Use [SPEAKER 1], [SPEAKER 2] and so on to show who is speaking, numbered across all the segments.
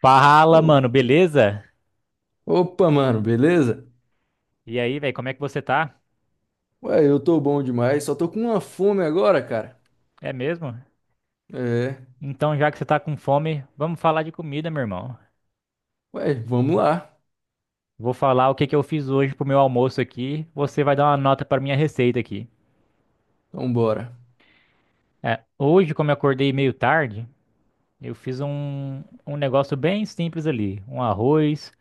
[SPEAKER 1] Fala,
[SPEAKER 2] O-
[SPEAKER 1] mano, beleza?
[SPEAKER 2] Opa, mano, beleza?
[SPEAKER 1] E aí, velho, como é que você tá?
[SPEAKER 2] Ué, eu tô bom demais, só tô com uma fome agora, cara.
[SPEAKER 1] É mesmo?
[SPEAKER 2] É.
[SPEAKER 1] Então, já que você tá com fome, vamos falar de comida, meu irmão.
[SPEAKER 2] Ué, vamos lá.
[SPEAKER 1] Vou falar o que que eu fiz hoje pro meu almoço aqui. Você vai dar uma nota pra minha receita aqui.
[SPEAKER 2] Então bora.
[SPEAKER 1] É, hoje, como eu acordei meio tarde, eu fiz um negócio bem simples ali. Um arroz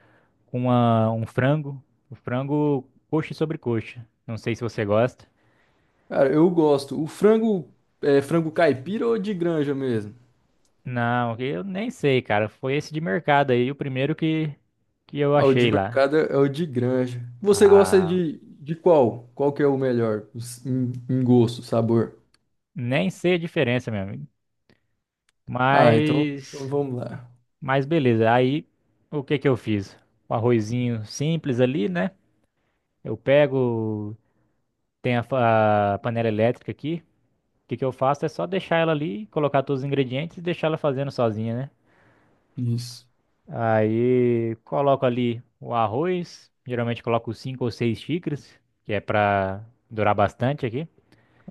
[SPEAKER 1] com um frango. O frango coxa sobre coxa. Não sei se você gosta.
[SPEAKER 2] Cara, eu gosto. O frango é frango caipira ou de granja mesmo?
[SPEAKER 1] Não, eu nem sei, cara. Foi esse de mercado aí, o primeiro que eu
[SPEAKER 2] Ah, o de
[SPEAKER 1] achei lá.
[SPEAKER 2] mercado é o de granja. Você gosta
[SPEAKER 1] Ah.
[SPEAKER 2] de qual? Qual que é o melhor em gosto, sabor?
[SPEAKER 1] Nem sei a diferença, meu amigo.
[SPEAKER 2] Ah, então
[SPEAKER 1] Mas,
[SPEAKER 2] vamos lá.
[SPEAKER 1] mas beleza. Aí, o que que eu fiz? Um arrozinho simples ali, né? Eu pego, tem a panela elétrica aqui. O que que eu faço é só deixar ela ali, colocar todos os ingredientes e deixar ela fazendo sozinha, né?
[SPEAKER 2] Isso.
[SPEAKER 1] Aí, coloco ali o arroz. Geralmente coloco 5 ou 6 xícaras, que é pra durar bastante aqui.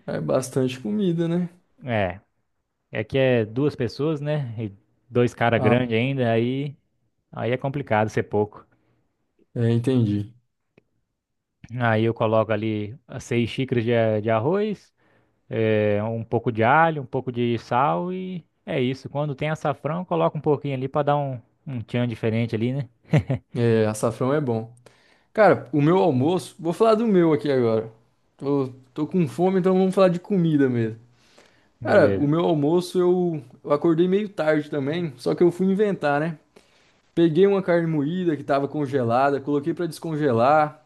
[SPEAKER 2] É bastante comida, né?
[SPEAKER 1] É. É que é duas pessoas, né? E dois caras
[SPEAKER 2] Ah,
[SPEAKER 1] grandes ainda, aí é complicado ser pouco.
[SPEAKER 2] é, entendi.
[SPEAKER 1] Aí eu coloco ali as 6 xícaras de arroz, é, um pouco de alho, um pouco de sal e é isso. Quando tem açafrão, coloca um pouquinho ali pra dar um, um tchan diferente ali, né?
[SPEAKER 2] É, açafrão é bom. Cara, o meu almoço, vou falar do meu aqui agora. Tô com fome, então vamos falar de comida mesmo. Cara, o
[SPEAKER 1] Beleza.
[SPEAKER 2] meu almoço eu acordei meio tarde também, só que eu fui inventar, né? Peguei uma carne moída que tava congelada, coloquei pra descongelar,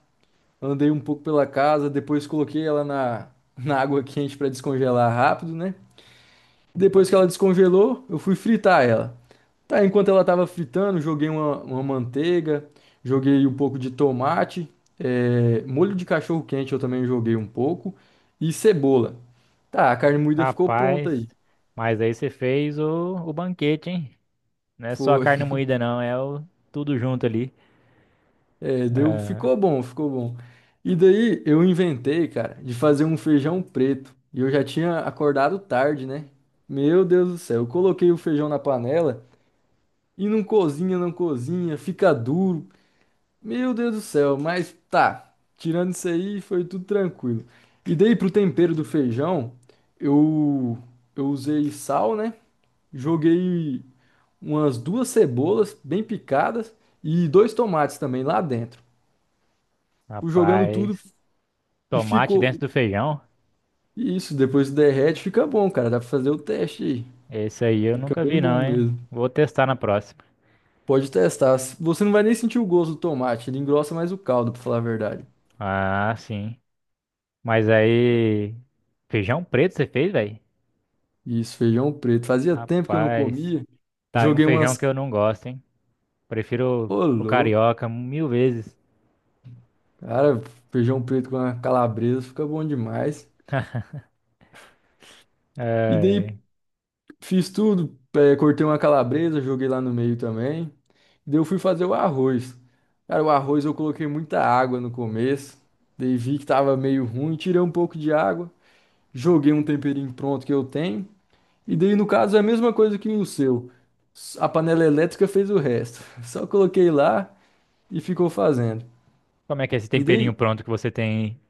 [SPEAKER 2] andei um pouco pela casa, depois coloquei ela na água quente pra descongelar rápido, né? Depois que ela descongelou, eu fui fritar ela. Tá, enquanto ela tava fritando, joguei uma manteiga, joguei um pouco de tomate, molho de cachorro quente eu também joguei um pouco e cebola. Tá, a carne moída ficou pronta
[SPEAKER 1] Rapaz,
[SPEAKER 2] aí.
[SPEAKER 1] mas aí você fez o banquete, hein? Não é só a
[SPEAKER 2] Foi,
[SPEAKER 1] carne moída, não, é o tudo junto ali.
[SPEAKER 2] é, deu, ficou bom, ficou bom. E daí eu inventei, cara, de fazer um feijão preto. E eu já tinha acordado tarde, né? Meu Deus do céu, eu coloquei o feijão na panela e não cozinha, não cozinha, fica duro. Meu Deus do céu, mas tá. Tirando isso aí, foi tudo tranquilo. E daí pro tempero do feijão, eu eu usei sal, né? Joguei umas duas cebolas bem picadas e dois tomates também lá dentro. Fui jogando tudo
[SPEAKER 1] Rapaz,
[SPEAKER 2] e
[SPEAKER 1] tomate
[SPEAKER 2] ficou
[SPEAKER 1] dentro do feijão.
[SPEAKER 2] isso, depois derrete, fica bom, cara. Dá pra fazer o teste aí.
[SPEAKER 1] Esse aí eu
[SPEAKER 2] Fica
[SPEAKER 1] nunca vi
[SPEAKER 2] bem bom
[SPEAKER 1] não, hein?
[SPEAKER 2] mesmo.
[SPEAKER 1] Vou testar na próxima.
[SPEAKER 2] Pode testar. Você não vai nem sentir o gosto do tomate, ele engrossa mais o caldo, pra falar a verdade.
[SPEAKER 1] Ah, sim. Mas aí, feijão preto você fez, velho?
[SPEAKER 2] Isso, feijão preto. Fazia tempo que eu não
[SPEAKER 1] Rapaz,
[SPEAKER 2] comia.
[SPEAKER 1] tá aí um
[SPEAKER 2] Joguei
[SPEAKER 1] feijão que
[SPEAKER 2] umas.
[SPEAKER 1] eu não gosto, hein? Prefiro
[SPEAKER 2] Ô,
[SPEAKER 1] o
[SPEAKER 2] louco.
[SPEAKER 1] carioca 1000 vezes.
[SPEAKER 2] Cara, feijão preto com a calabresa fica bom demais. E daí
[SPEAKER 1] É,
[SPEAKER 2] fiz tudo. Cortei uma calabresa, joguei lá no meio também. E daí eu fui fazer o arroz. Cara, o arroz eu coloquei muita água no começo. Daí vi que tava meio ruim, tirei um pouco de água. Joguei um temperinho pronto que eu tenho. E daí, no caso, é a mesma coisa que o seu. A panela elétrica fez o resto. Só coloquei lá e ficou fazendo.
[SPEAKER 1] como é que é esse
[SPEAKER 2] E
[SPEAKER 1] temperinho
[SPEAKER 2] daí,
[SPEAKER 1] pronto que você tem aí?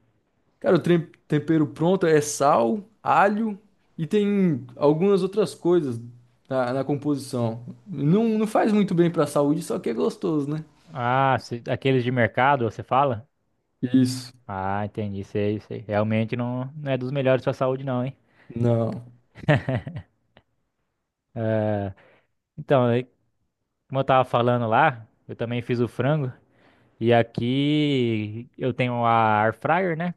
[SPEAKER 2] cara, o tempero pronto é sal, alho e tem algumas outras coisas na composição. Não faz muito bem pra saúde, só que é gostoso, né?
[SPEAKER 1] Ah, aqueles de mercado, você fala?
[SPEAKER 2] Isso.
[SPEAKER 1] Ah, entendi, sei, sei. Realmente não, não é dos melhores pra saúde não, hein?
[SPEAKER 2] Não.
[SPEAKER 1] Então, aí, como eu tava falando lá, eu também fiz o frango. E aqui eu tenho a air fryer, né?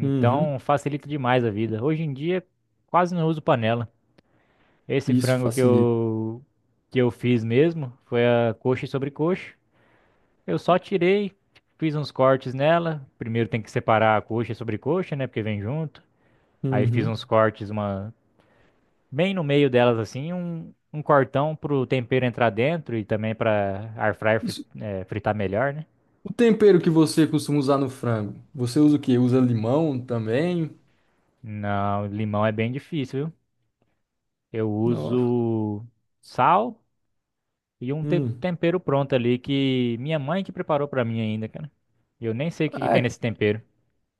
[SPEAKER 2] Uhum.
[SPEAKER 1] facilita demais a vida. Hoje em dia quase não uso panela. Esse
[SPEAKER 2] Isso
[SPEAKER 1] frango
[SPEAKER 2] facilita.
[SPEAKER 1] que eu fiz mesmo foi a coxa e sobrecoxa. Eu só tirei, fiz uns cortes nela. Primeiro tem que separar a coxa e sobrecoxa, né, porque vem junto. Aí fiz
[SPEAKER 2] Uhum.
[SPEAKER 1] uns cortes uma bem no meio delas assim, um cortão pro tempero entrar dentro e também para air fryer
[SPEAKER 2] Isso.
[SPEAKER 1] fritar melhor, né?
[SPEAKER 2] O tempero que você costuma usar no frango, você usa o quê? Usa limão também?
[SPEAKER 1] Não, limão é bem difícil, viu? Eu
[SPEAKER 2] Não.
[SPEAKER 1] uso sal e um
[SPEAKER 2] Hum.
[SPEAKER 1] tempero pronto ali que minha mãe que preparou pra mim ainda, cara. Eu nem sei o que que
[SPEAKER 2] Ah,
[SPEAKER 1] tem nesse tempero.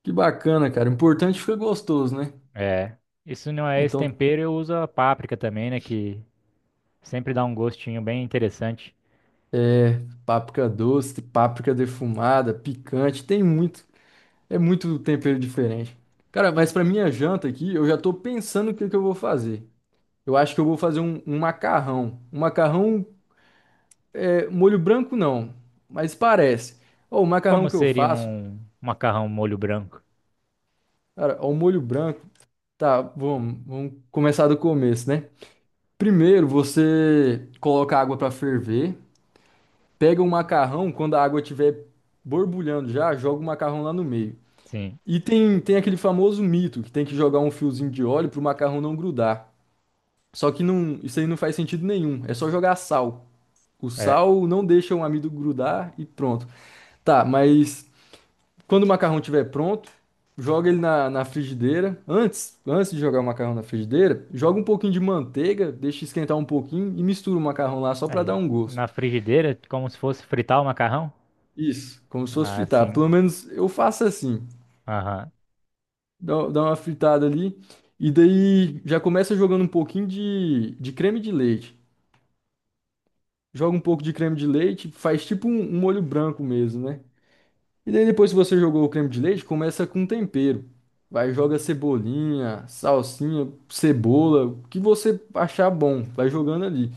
[SPEAKER 2] que bacana, cara. O importante fica gostoso, né?
[SPEAKER 1] É. Isso não é esse
[SPEAKER 2] Então,
[SPEAKER 1] tempero, eu uso a páprica também, né? Que sempre dá um gostinho bem interessante.
[SPEAKER 2] páprica doce, páprica defumada, picante, tem muito. É muito tempero diferente. Cara, mas pra minha janta aqui, eu já tô pensando o que que eu vou fazer. Eu acho que eu vou fazer um macarrão. Um macarrão é molho branco não, mas parece. Ó, o
[SPEAKER 1] Como
[SPEAKER 2] macarrão que eu
[SPEAKER 1] seria
[SPEAKER 2] faço,
[SPEAKER 1] um macarrão molho branco?
[SPEAKER 2] cara, ó, o molho branco. Tá, vamos começar do começo, né? Primeiro, você coloca a água pra ferver, pega o macarrão, quando a água estiver borbulhando já, joga o macarrão lá no meio.
[SPEAKER 1] Sim.
[SPEAKER 2] E tem aquele famoso mito que tem que jogar um fiozinho de óleo pro macarrão não grudar. Só que não, isso aí não faz sentido nenhum. É só jogar sal. O
[SPEAKER 1] É.
[SPEAKER 2] sal não deixa o amido grudar e pronto. Tá, mas quando o macarrão estiver pronto, joga ele na frigideira. Antes de jogar o macarrão na frigideira, joga um pouquinho de manteiga, deixa esquentar um pouquinho e mistura o macarrão lá só para
[SPEAKER 1] Aí,
[SPEAKER 2] dar um gosto.
[SPEAKER 1] na frigideira, como se fosse fritar o macarrão?
[SPEAKER 2] Isso, como se fosse
[SPEAKER 1] Ah,
[SPEAKER 2] fritar.
[SPEAKER 1] sim.
[SPEAKER 2] Pelo menos eu faço assim.
[SPEAKER 1] Aham.
[SPEAKER 2] Dá uma fritada ali. E daí já começa jogando um pouquinho de creme de leite. Joga um pouco de creme de leite, faz tipo um molho branco mesmo, né? E daí depois que você jogou o creme de leite, começa com tempero. Vai, joga cebolinha, salsinha, cebola, o que você achar bom, vai jogando ali.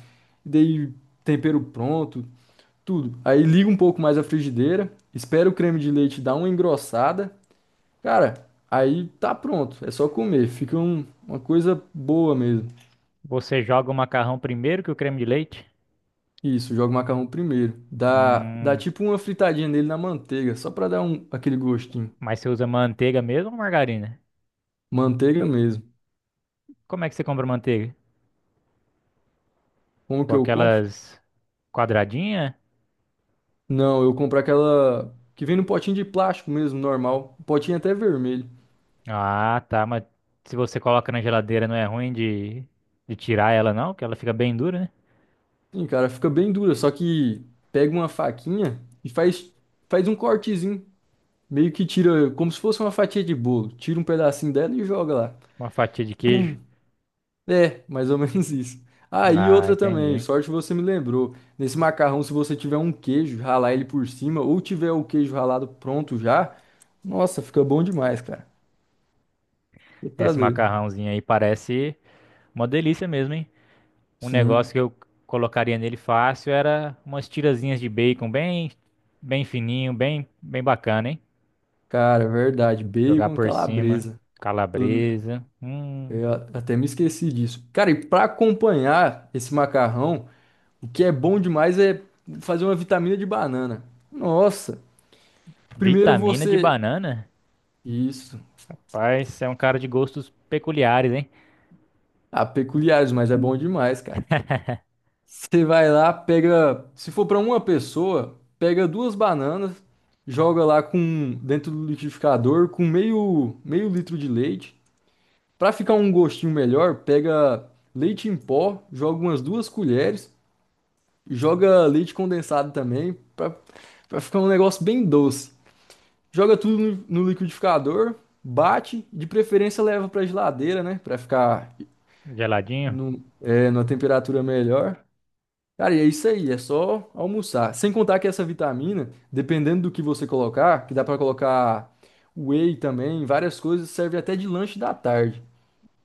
[SPEAKER 2] E daí tempero pronto, tudo. Aí liga um pouco mais a frigideira, espera o creme de leite dar uma engrossada. Cara, aí tá pronto, é só comer, fica uma coisa boa mesmo.
[SPEAKER 1] Você joga o macarrão primeiro que o creme de leite?
[SPEAKER 2] Isso, joga o macarrão primeiro. Dá
[SPEAKER 1] Hum.
[SPEAKER 2] tipo uma fritadinha nele na manteiga, só pra dar um, aquele gostinho.
[SPEAKER 1] Mas você usa manteiga mesmo ou margarina?
[SPEAKER 2] Manteiga mesmo.
[SPEAKER 1] Como é que você compra manteiga?
[SPEAKER 2] Como
[SPEAKER 1] Com
[SPEAKER 2] que eu compro?
[SPEAKER 1] aquelas quadradinha?
[SPEAKER 2] Não, eu compro aquela que vem no potinho de plástico mesmo, normal. O potinho é até vermelho.
[SPEAKER 1] Ah, tá, mas se você coloca na geladeira não é ruim de tirar ela não, que ela fica bem dura, né?
[SPEAKER 2] Sim, cara, fica bem dura, só que pega uma faquinha e faz um cortezinho. Meio que tira, como se fosse uma fatia de bolo. Tira um pedacinho dela e joga lá.
[SPEAKER 1] Uma fatia de queijo.
[SPEAKER 2] É, mais ou menos isso. Aí
[SPEAKER 1] Ah,
[SPEAKER 2] outra também,
[SPEAKER 1] entendi.
[SPEAKER 2] sorte você me lembrou. Nesse macarrão, se você tiver um queijo, ralar ele por cima, ou tiver o queijo ralado pronto já, nossa, fica bom demais, cara. Você tá
[SPEAKER 1] Esse
[SPEAKER 2] doido?
[SPEAKER 1] macarrãozinho aí parece uma delícia mesmo, hein? Um negócio que
[SPEAKER 2] Sim,
[SPEAKER 1] eu colocaria nele fácil era umas tirazinhas de bacon bem bem fininho, bem bem bacana, hein?
[SPEAKER 2] cara, verdade.
[SPEAKER 1] Jogar
[SPEAKER 2] Bacon e
[SPEAKER 1] por cima,
[SPEAKER 2] calabresa. Eu,
[SPEAKER 1] calabresa,
[SPEAKER 2] eu até me esqueci disso. Cara, e pra acompanhar esse macarrão, o que é bom demais é fazer uma vitamina de banana. Nossa, primeiro
[SPEAKER 1] vitamina de
[SPEAKER 2] você.
[SPEAKER 1] banana.
[SPEAKER 2] Isso.
[SPEAKER 1] Rapaz, você é um cara de gostos peculiares, hein?
[SPEAKER 2] Ah, peculiares, mas é bom demais, cara. Você vai lá, pega, se for para uma pessoa, pega duas bananas, joga lá com dentro do liquidificador com meio litro de leite. Para ficar um gostinho melhor, pega leite em pó, joga umas duas colheres, joga leite condensado também, para ficar um negócio bem doce. Joga tudo no liquidificador, bate, de preferência leva para geladeira, né, para ficar
[SPEAKER 1] Geladinho?
[SPEAKER 2] no, é, numa temperatura melhor. Cara, e é isso aí, é só almoçar. Sem contar que essa vitamina, dependendo do que você colocar, que dá pra colocar whey também, várias coisas, serve até de lanche da tarde,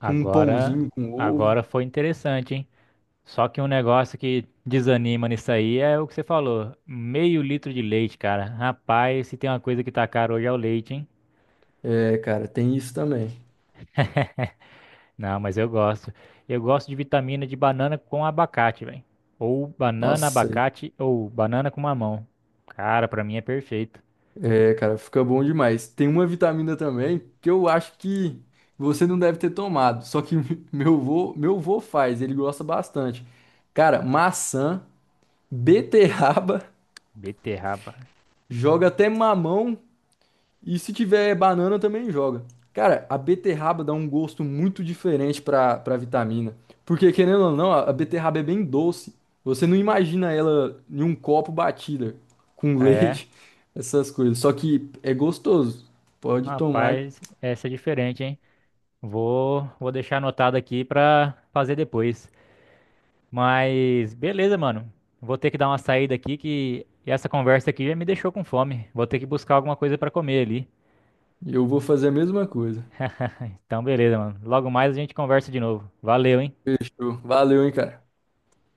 [SPEAKER 2] com um pãozinho com ovo.
[SPEAKER 1] agora foi interessante, hein? Só que um negócio que desanima nisso aí é o que você falou. Meio litro de leite, cara. Rapaz, se tem uma coisa que tá caro hoje é o leite, hein?
[SPEAKER 2] É, cara, tem isso também.
[SPEAKER 1] Não, mas eu gosto. Eu gosto de vitamina de banana com abacate, velho. Ou banana,
[SPEAKER 2] Nossa,
[SPEAKER 1] abacate, ou banana com mamão. Cara, pra mim é perfeito.
[SPEAKER 2] é, cara, fica bom demais. Tem uma vitamina também que eu acho que você não deve ter tomado, só que meu vô faz, ele gosta bastante. Cara, maçã, beterraba,
[SPEAKER 1] Beterraba.
[SPEAKER 2] joga até mamão e se tiver banana também joga. Cara, a beterraba dá um gosto muito diferente pra vitamina. Porque, querendo ou não, a beterraba é bem doce. Você não imagina ela em um copo batida, com
[SPEAKER 1] É,
[SPEAKER 2] leite, essas coisas. Só que é gostoso. Pode tomar.
[SPEAKER 1] rapaz, essa é diferente, hein? Vou deixar anotado aqui pra fazer depois. Mas beleza, mano. Vou ter que dar uma saída aqui que essa conversa aqui já me deixou com fome. Vou ter que buscar alguma coisa pra comer ali.
[SPEAKER 2] Eu vou fazer a mesma coisa.
[SPEAKER 1] Então, beleza, mano. Logo mais a gente conversa de novo. Valeu, hein?
[SPEAKER 2] Fechou. Valeu, hein, cara.